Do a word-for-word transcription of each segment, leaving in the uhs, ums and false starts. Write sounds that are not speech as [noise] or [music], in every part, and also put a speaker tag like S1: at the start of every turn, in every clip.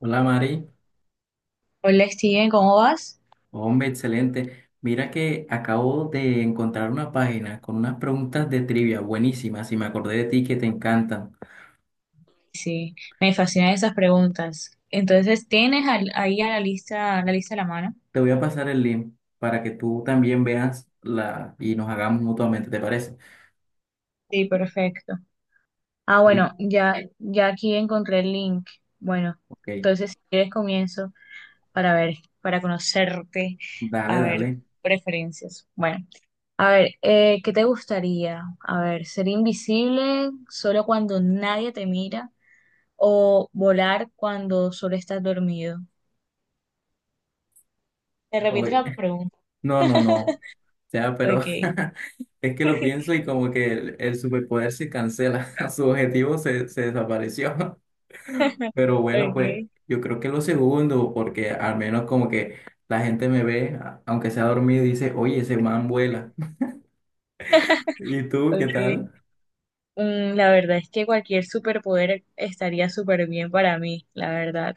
S1: Hola Mari,
S2: Hola Steven, ¿cómo vas?
S1: hombre, excelente. Mira que acabo de encontrar una página con unas preguntas de trivia buenísimas y me acordé de ti que te encantan.
S2: Sí, me fascinan esas preguntas. Entonces, ¿tienes al- ahí a la lista, la lista a la mano?
S1: Te voy a pasar el link para que tú también veas la y nos hagamos mutuamente, ¿te parece?
S2: Sí, perfecto. Ah, bueno,
S1: Sí,
S2: ya, ya aquí encontré el link. Bueno,
S1: ok.
S2: entonces si quieres comienzo para ver, para conocerte,
S1: Dale,
S2: a ver
S1: dale.
S2: preferencias. Bueno, a ver, eh, ¿qué te gustaría? A ver, ¿ser invisible solo cuando nadie te mira o volar cuando solo estás dormido? Te repito
S1: Oye,
S2: la pregunta.
S1: [laughs] no, no, no. O
S2: [laughs]
S1: sea, pero
S2: Ok.
S1: [laughs] es que lo pienso y
S2: [laughs]
S1: como que el, el superpoder se cancela, [laughs] su objetivo se, se desapareció. Pero bueno, pues
S2: Okay,
S1: yo creo que lo segundo, porque al menos como que la gente me ve, a- aunque sea dormido, y dice, oye, ese man vuela. [laughs] ¿Y tú qué
S2: okay.
S1: tal?
S2: Mm, la verdad es que cualquier superpoder estaría súper bien para mí, la verdad.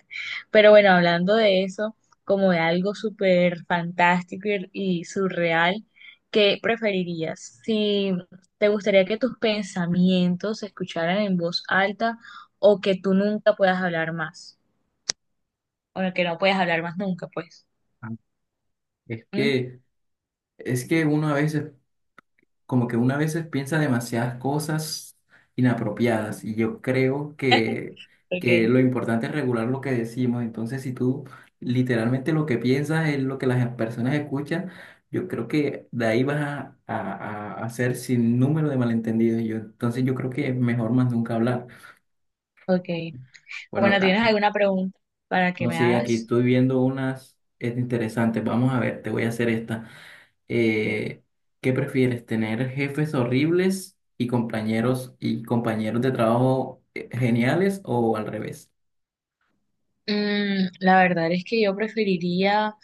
S2: Pero bueno, hablando de eso, como de algo súper fantástico y, y surreal, ¿qué preferirías? Si te gustaría que tus pensamientos se escucharan en voz alta o que tú nunca puedas hablar más, o que no puedas hablar más nunca, pues.
S1: Ah, Es
S2: ¿Mm?
S1: que, es que uno a veces como que una a veces piensa demasiadas cosas inapropiadas y yo creo que, que
S2: Okay,
S1: lo importante es regular lo que decimos. Entonces, si tú literalmente lo que piensas es lo que las personas escuchan, yo creo que de ahí vas a, a, a hacer sin número de malentendidos. Yo, entonces, yo creo que es mejor más nunca hablar.
S2: okay.
S1: Bueno,
S2: Bueno,
S1: acá,
S2: ¿tienes alguna pregunta para que
S1: no,
S2: me
S1: sí, aquí
S2: hagas?
S1: estoy viendo unas es interesantes. Vamos a ver, te voy a hacer esta. eh, ¿Qué prefieres? ¿Tener jefes horribles y compañeros y compañeros de trabajo eh, geniales o al revés?
S2: Mm, la verdad es que yo preferiría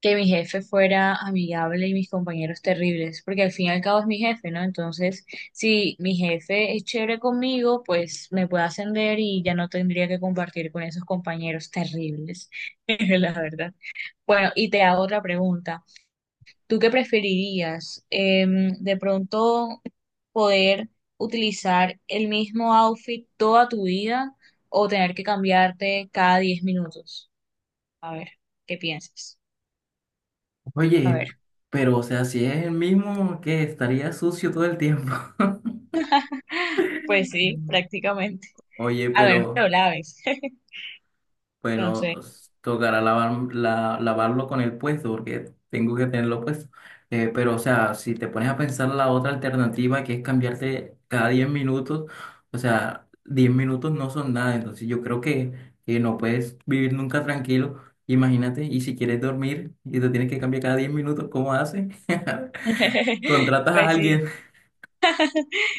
S2: que mi jefe fuera amigable y mis compañeros terribles, porque al fin y al cabo es mi jefe, ¿no? Entonces, si mi jefe es chévere conmigo, pues me puede ascender y ya no tendría que compartir con esos compañeros terribles, [laughs] la verdad. Bueno, y te hago otra pregunta. ¿Tú qué preferirías? Em, ¿de pronto poder utilizar el mismo outfit toda tu vida o tener que cambiarte cada diez minutos? A ver, ¿qué piensas? A
S1: Oye,
S2: ver,
S1: pero o sea, si es el mismo que estaría sucio todo el tiempo.
S2: pues sí,
S1: [laughs]
S2: prácticamente.
S1: Oye,
S2: A ver, pero
S1: pero
S2: la ves. [laughs] No
S1: bueno,
S2: sé.
S1: s- tocará lavar, la- lavarlo con el puesto porque tengo que tenerlo puesto. Eh, pero, o sea, si te pones a pensar la otra alternativa que es cambiarte cada diez minutos, o sea, diez minutos no son nada. Entonces, yo creo que, que no puedes vivir nunca tranquilo. Imagínate, y si quieres dormir y te tienes que cambiar cada diez minutos, ¿cómo haces? [laughs]
S2: [laughs]
S1: Contratas a
S2: Pues sí,
S1: alguien.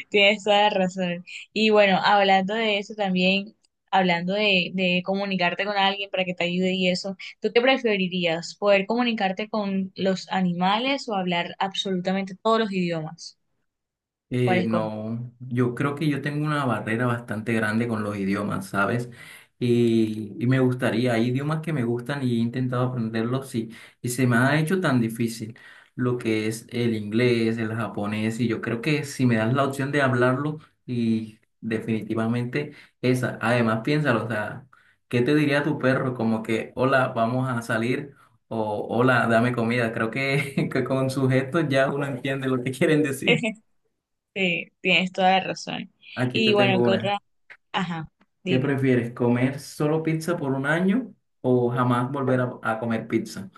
S2: tienes toda la razón. Y bueno, hablando de eso también, hablando de, de comunicarte con alguien para que te ayude y eso, ¿tú qué preferirías? ¿Poder comunicarte con los animales o hablar absolutamente todos los idiomas? ¿Cuál
S1: Eh,
S2: escoges?
S1: no, yo creo que yo tengo una barrera bastante grande con los idiomas, ¿sabes? Y, y me gustaría, hay idiomas que me gustan y he intentado aprenderlos, sí, y se me ha hecho tan difícil lo que es el inglés, el japonés, y yo creo que si me das la opción de hablarlo, y definitivamente esa, además piénsalo, o sea, ¿qué te diría tu perro? Como que, hola, vamos a salir. O, hola, dame comida. Creo que, [laughs] que con sus gestos ya uno entiende lo que quieren decir.
S2: [laughs] Sí, tienes toda la razón.
S1: Aquí te
S2: Y
S1: tengo
S2: bueno, ¿qué
S1: una.
S2: otra? Ajá,
S1: ¿Qué
S2: dime.
S1: prefieres, comer solo pizza por un año o jamás volver a, a comer pizza?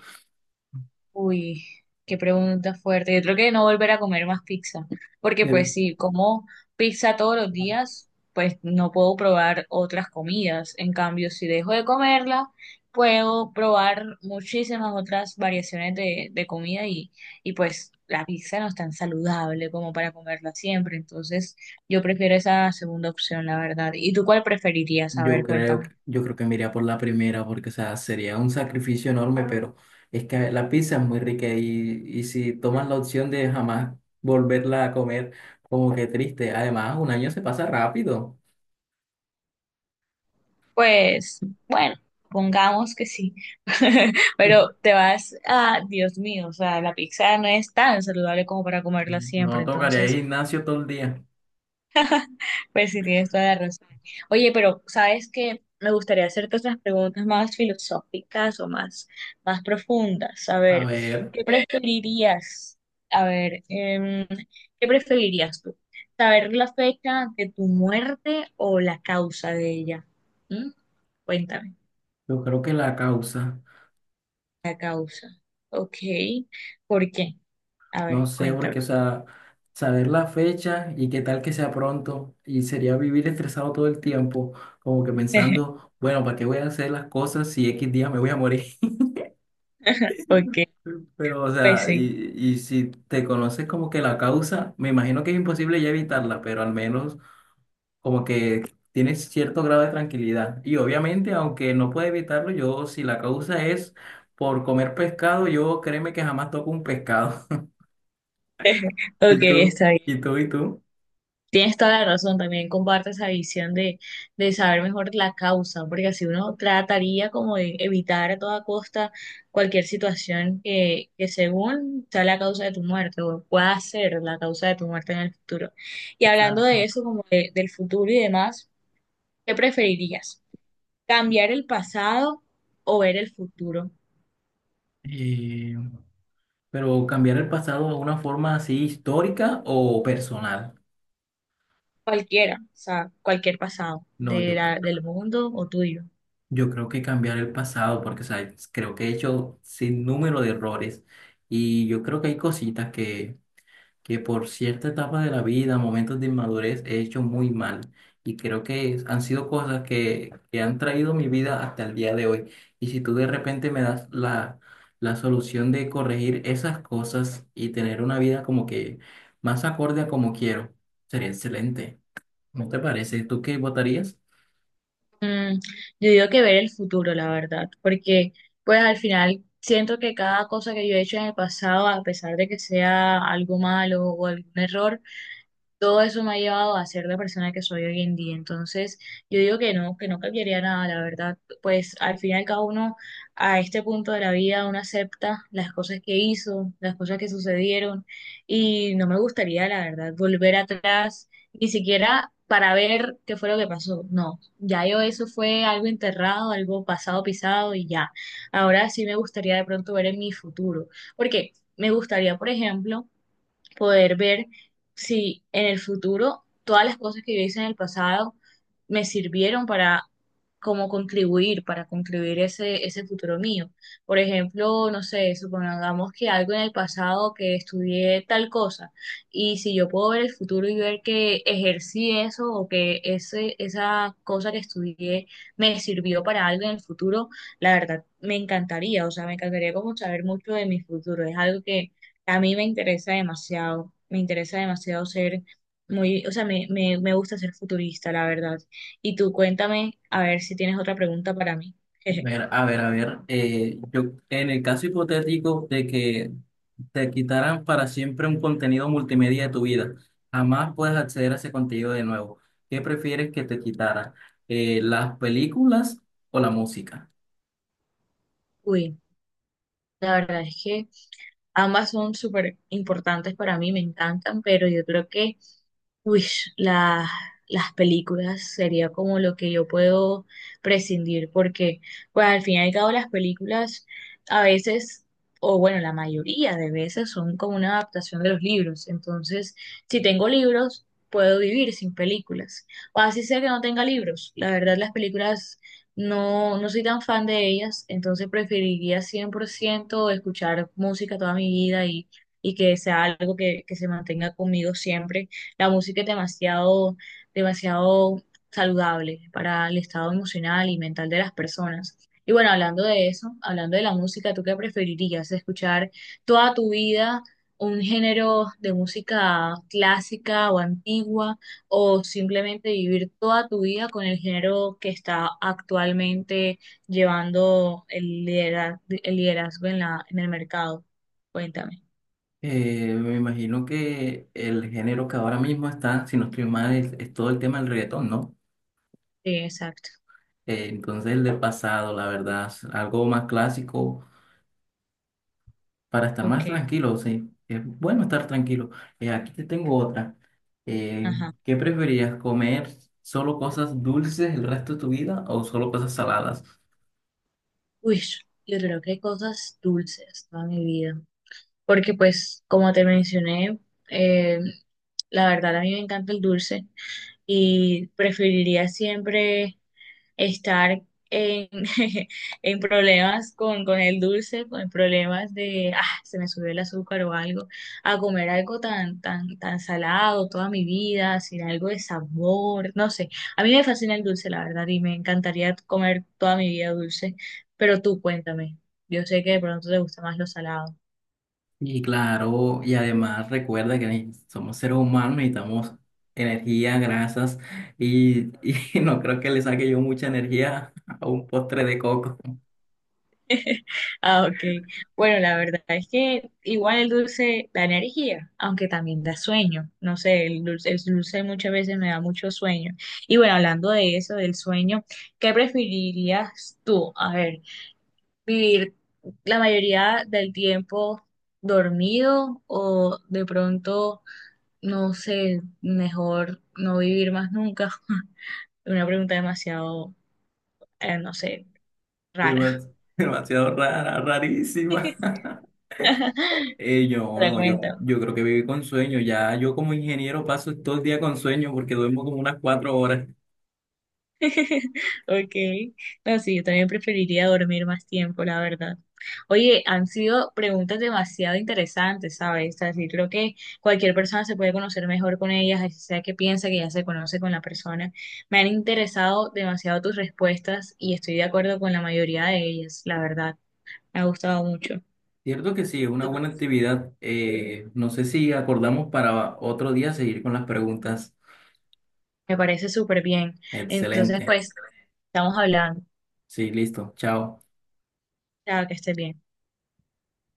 S2: Uy, qué pregunta fuerte. Yo creo que no volver a comer más pizza, porque
S1: Eh,
S2: pues si como pizza todos los días, pues no puedo probar otras comidas. En cambio, si dejo de comerla, puedo probar muchísimas otras variaciones de, de comida y, y pues la pizza no es tan saludable como para comerla siempre. Entonces, yo prefiero esa segunda opción, la verdad. ¿Y tú cuál preferirías? A
S1: Yo
S2: ver,
S1: creo,
S2: cuéntame.
S1: que- yo creo que me iría por la primera porque, o sea, sería un sacrificio enorme, pero es que la pizza es muy rica y, y si tomas la opción de jamás volverla a comer, como que triste. Además, un año se pasa rápido.
S2: Pues, bueno, pongamos que sí. [laughs] Pero
S1: [laughs]
S2: te vas a, Dios mío, o sea, la pizza no es tan saludable como para comerla
S1: No
S2: siempre.
S1: tocaría ir
S2: Entonces,
S1: al gimnasio todo el día.
S2: pues sí tienes toda la razón. Oye, pero ¿sabes qué? Me gustaría hacerte otras preguntas más filosóficas o más, más profundas. A
S1: A
S2: ver,
S1: ver,
S2: ¿qué preferirías? A ver, em, ¿qué preferirías tú? ¿Saber la fecha de tu muerte o la causa de ella? ¿Mm? Cuéntame.
S1: yo creo que la causa.
S2: La causa. Ok. ¿Por qué? A ver,
S1: No sé,
S2: cuéntame.
S1: porque, o sea, saber la fecha y qué tal que sea pronto, y sería vivir estresado todo el tiempo, como que
S2: [laughs]
S1: pensando, bueno, ¿para qué voy a hacer las cosas si X día me voy a morir?
S2: Ok,
S1: [laughs] Pero, o
S2: pues
S1: sea,
S2: sí.
S1: y, y si te conoces como que la causa, me imagino que es imposible ya evitarla, pero al menos como que tienes cierto grado de tranquilidad. Y obviamente, aunque no pueda evitarlo, yo si la causa es por comer pescado, yo créeme que jamás toco un pescado.
S2: [laughs]
S1: [laughs]
S2: Ok,
S1: ¿Y tú?
S2: está bien.
S1: ¿Y tú? ¿Y tú?
S2: Tienes toda la razón, también comparto esa visión de, de saber mejor la causa, porque así uno trataría como de evitar a toda costa cualquier situación que, que según sea la causa de tu muerte o pueda ser la causa de tu muerte en el futuro. Y hablando de
S1: Exacto.
S2: eso, como de- del futuro y demás, ¿qué preferirías? ¿Cambiar el pasado o ver el futuro?
S1: Eh, pero cambiar el pasado de una forma así histórica o personal.
S2: Cualquiera, o sea, cualquier pasado
S1: No,
S2: de
S1: yo, c-
S2: la- del mundo o tuyo.
S1: yo creo que cambiar el pasado, porque o sea, creo que he hecho sin número de errores y yo creo que hay cositas que que por cierta etapa de la vida, momentos de inmadurez, he hecho muy mal. Y creo que es- han sido cosas que, que han traído mi vida hasta el día de hoy. Y si tú de repente me das la, la solución de corregir esas cosas y tener una vida como que más acorde a como quiero, sería excelente. ¿No te parece? ¿Tú qué votarías?
S2: Mm, yo digo que ver el futuro, la verdad, porque pues al final siento que cada cosa que yo he hecho en el pasado, a pesar de que sea algo malo o algún error, todo eso me ha llevado a ser la persona que soy hoy en día. Entonces, yo digo que no, que no cambiaría nada, la verdad. Pues al final cada uno a este punto de la vida uno acepta las cosas que hizo, las cosas que sucedieron y no me gustaría, la verdad, volver atrás, ni siquiera para ver qué fue lo que pasó. No, ya yo eso fue algo enterrado, algo pasado pisado y ya. Ahora sí me gustaría de pronto ver en mi futuro, porque me gustaría, por ejemplo, poder ver si en el futuro todas las cosas que yo hice en el pasado me sirvieron para como contribuir, para contribuir ese, ese futuro mío. Por ejemplo, no sé, supongamos que algo en el pasado que estudié tal cosa y si yo puedo ver el futuro y ver que ejercí eso o que ese, esa cosa que estudié me sirvió para algo en el futuro, la verdad me encantaría, o sea, me encantaría como saber mucho de mi futuro. Es algo que a mí me interesa demasiado, me interesa demasiado ser muy, o sea, me, me, me gusta ser futurista, la verdad. Y tú cuéntame, a ver si tienes otra pregunta para mí. [laughs] Jeje.
S1: Ver, a ver, a ver. Eh, yo, en el caso hipotético de que te quitaran para siempre un contenido multimedia de tu vida, jamás puedes acceder a ese contenido de nuevo. ¿Qué prefieres que te quitaran? Eh, ¿las películas o la música?
S2: Uy, la verdad es que ambas son súper importantes para mí, me encantan, pero yo creo que uish, la- las películas sería como lo que yo puedo prescindir, porque pues al fin y al cabo las películas a veces, o bueno, la mayoría de veces son como una adaptación de los libros. Entonces, si tengo libros, puedo vivir sin películas. O así sea que no tenga libros. La verdad, las películas no, no soy tan fan de ellas, entonces preferiría cien por ciento escuchar música toda mi vida y, y que sea algo que, que se mantenga conmigo siempre. La música es demasiado, demasiado saludable para el estado emocional y mental de las personas. Y bueno, hablando de eso, hablando de la música, ¿tú qué preferirías? ¿Escuchar toda tu vida un género de música clásica o antigua, o simplemente vivir toda tu vida con el género que está actualmente llevando el liderazgo, el liderazgo en la, en el mercado? Cuéntame.
S1: Eh, me imagino que el género que ahora mismo está, si no estoy mal, es, es todo el tema del reggaetón, ¿no?
S2: Sí, exacto.
S1: Eh, entonces el del pasado, la verdad, es algo más clásico para estar
S2: Ok,
S1: más tranquilo, sí. Es bueno estar tranquilo. Eh, aquí te tengo otra. Eh,
S2: ajá.
S1: ¿qué preferirías, comer solo cosas dulces el resto de tu vida o solo cosas saladas?
S2: Uy, yo creo que cosas dulces toda mi vida. Porque pues, como te mencioné, eh, la verdad a mí me encanta el dulce y preferiría siempre estar en, [laughs] en problemas con, con el dulce, con problemas de, ah, se me subió el azúcar o algo, a comer algo tan, tan, tan salado toda mi vida, sin algo de sabor, no sé. A mí me fascina el dulce, la verdad, y me encantaría comer toda mi vida dulce, pero tú cuéntame. Yo sé que de pronto te gusta más lo salado.
S1: Y claro, y además recuerda que ne- somos seres humanos, necesitamos energía, grasas, y, y [laughs] no creo que le saque yo mucha energía a un postre de coco.
S2: [laughs] Ah, ok. Bueno, la verdad es que igual el dulce da energía, aunque también da sueño. No sé, el dulce, el dulce muchas veces me da mucho sueño. Y bueno, hablando de eso, del sueño, ¿qué preferirías tú? A ver, vivir la mayoría del tiempo dormido o de pronto, no sé, mejor no vivir más nunca. [laughs] Una pregunta demasiado, eh, no sé, rara.
S1: Demas- demasiado rara, rarísima.
S2: [laughs]
S1: [laughs] Eh, yo
S2: Pero
S1: no, yo,
S2: cuéntame.
S1: yo creo que viví con sueño. Ya yo como ingeniero paso todo el día con sueño porque duermo como unas cuatro horas.
S2: [laughs] Okay, no, sí, yo también preferiría dormir más tiempo, la verdad. Oye, han sido preguntas demasiado interesantes, ¿sabes? O sea, sí, creo que cualquier persona se puede conocer mejor con ellas, así sea que piensa que ya se conoce con la persona. Me han interesado demasiado tus respuestas y estoy de acuerdo con la mayoría de ellas, la verdad. Me ha gustado mucho.
S1: Cierto que sí, es una buena actividad. Eh, no sé si acordamos para otro día seguir con las preguntas.
S2: Me parece súper bien. Entonces,
S1: Excelente.
S2: pues, estamos hablando.
S1: Sí, listo. Chao.
S2: Chao, que estés bien.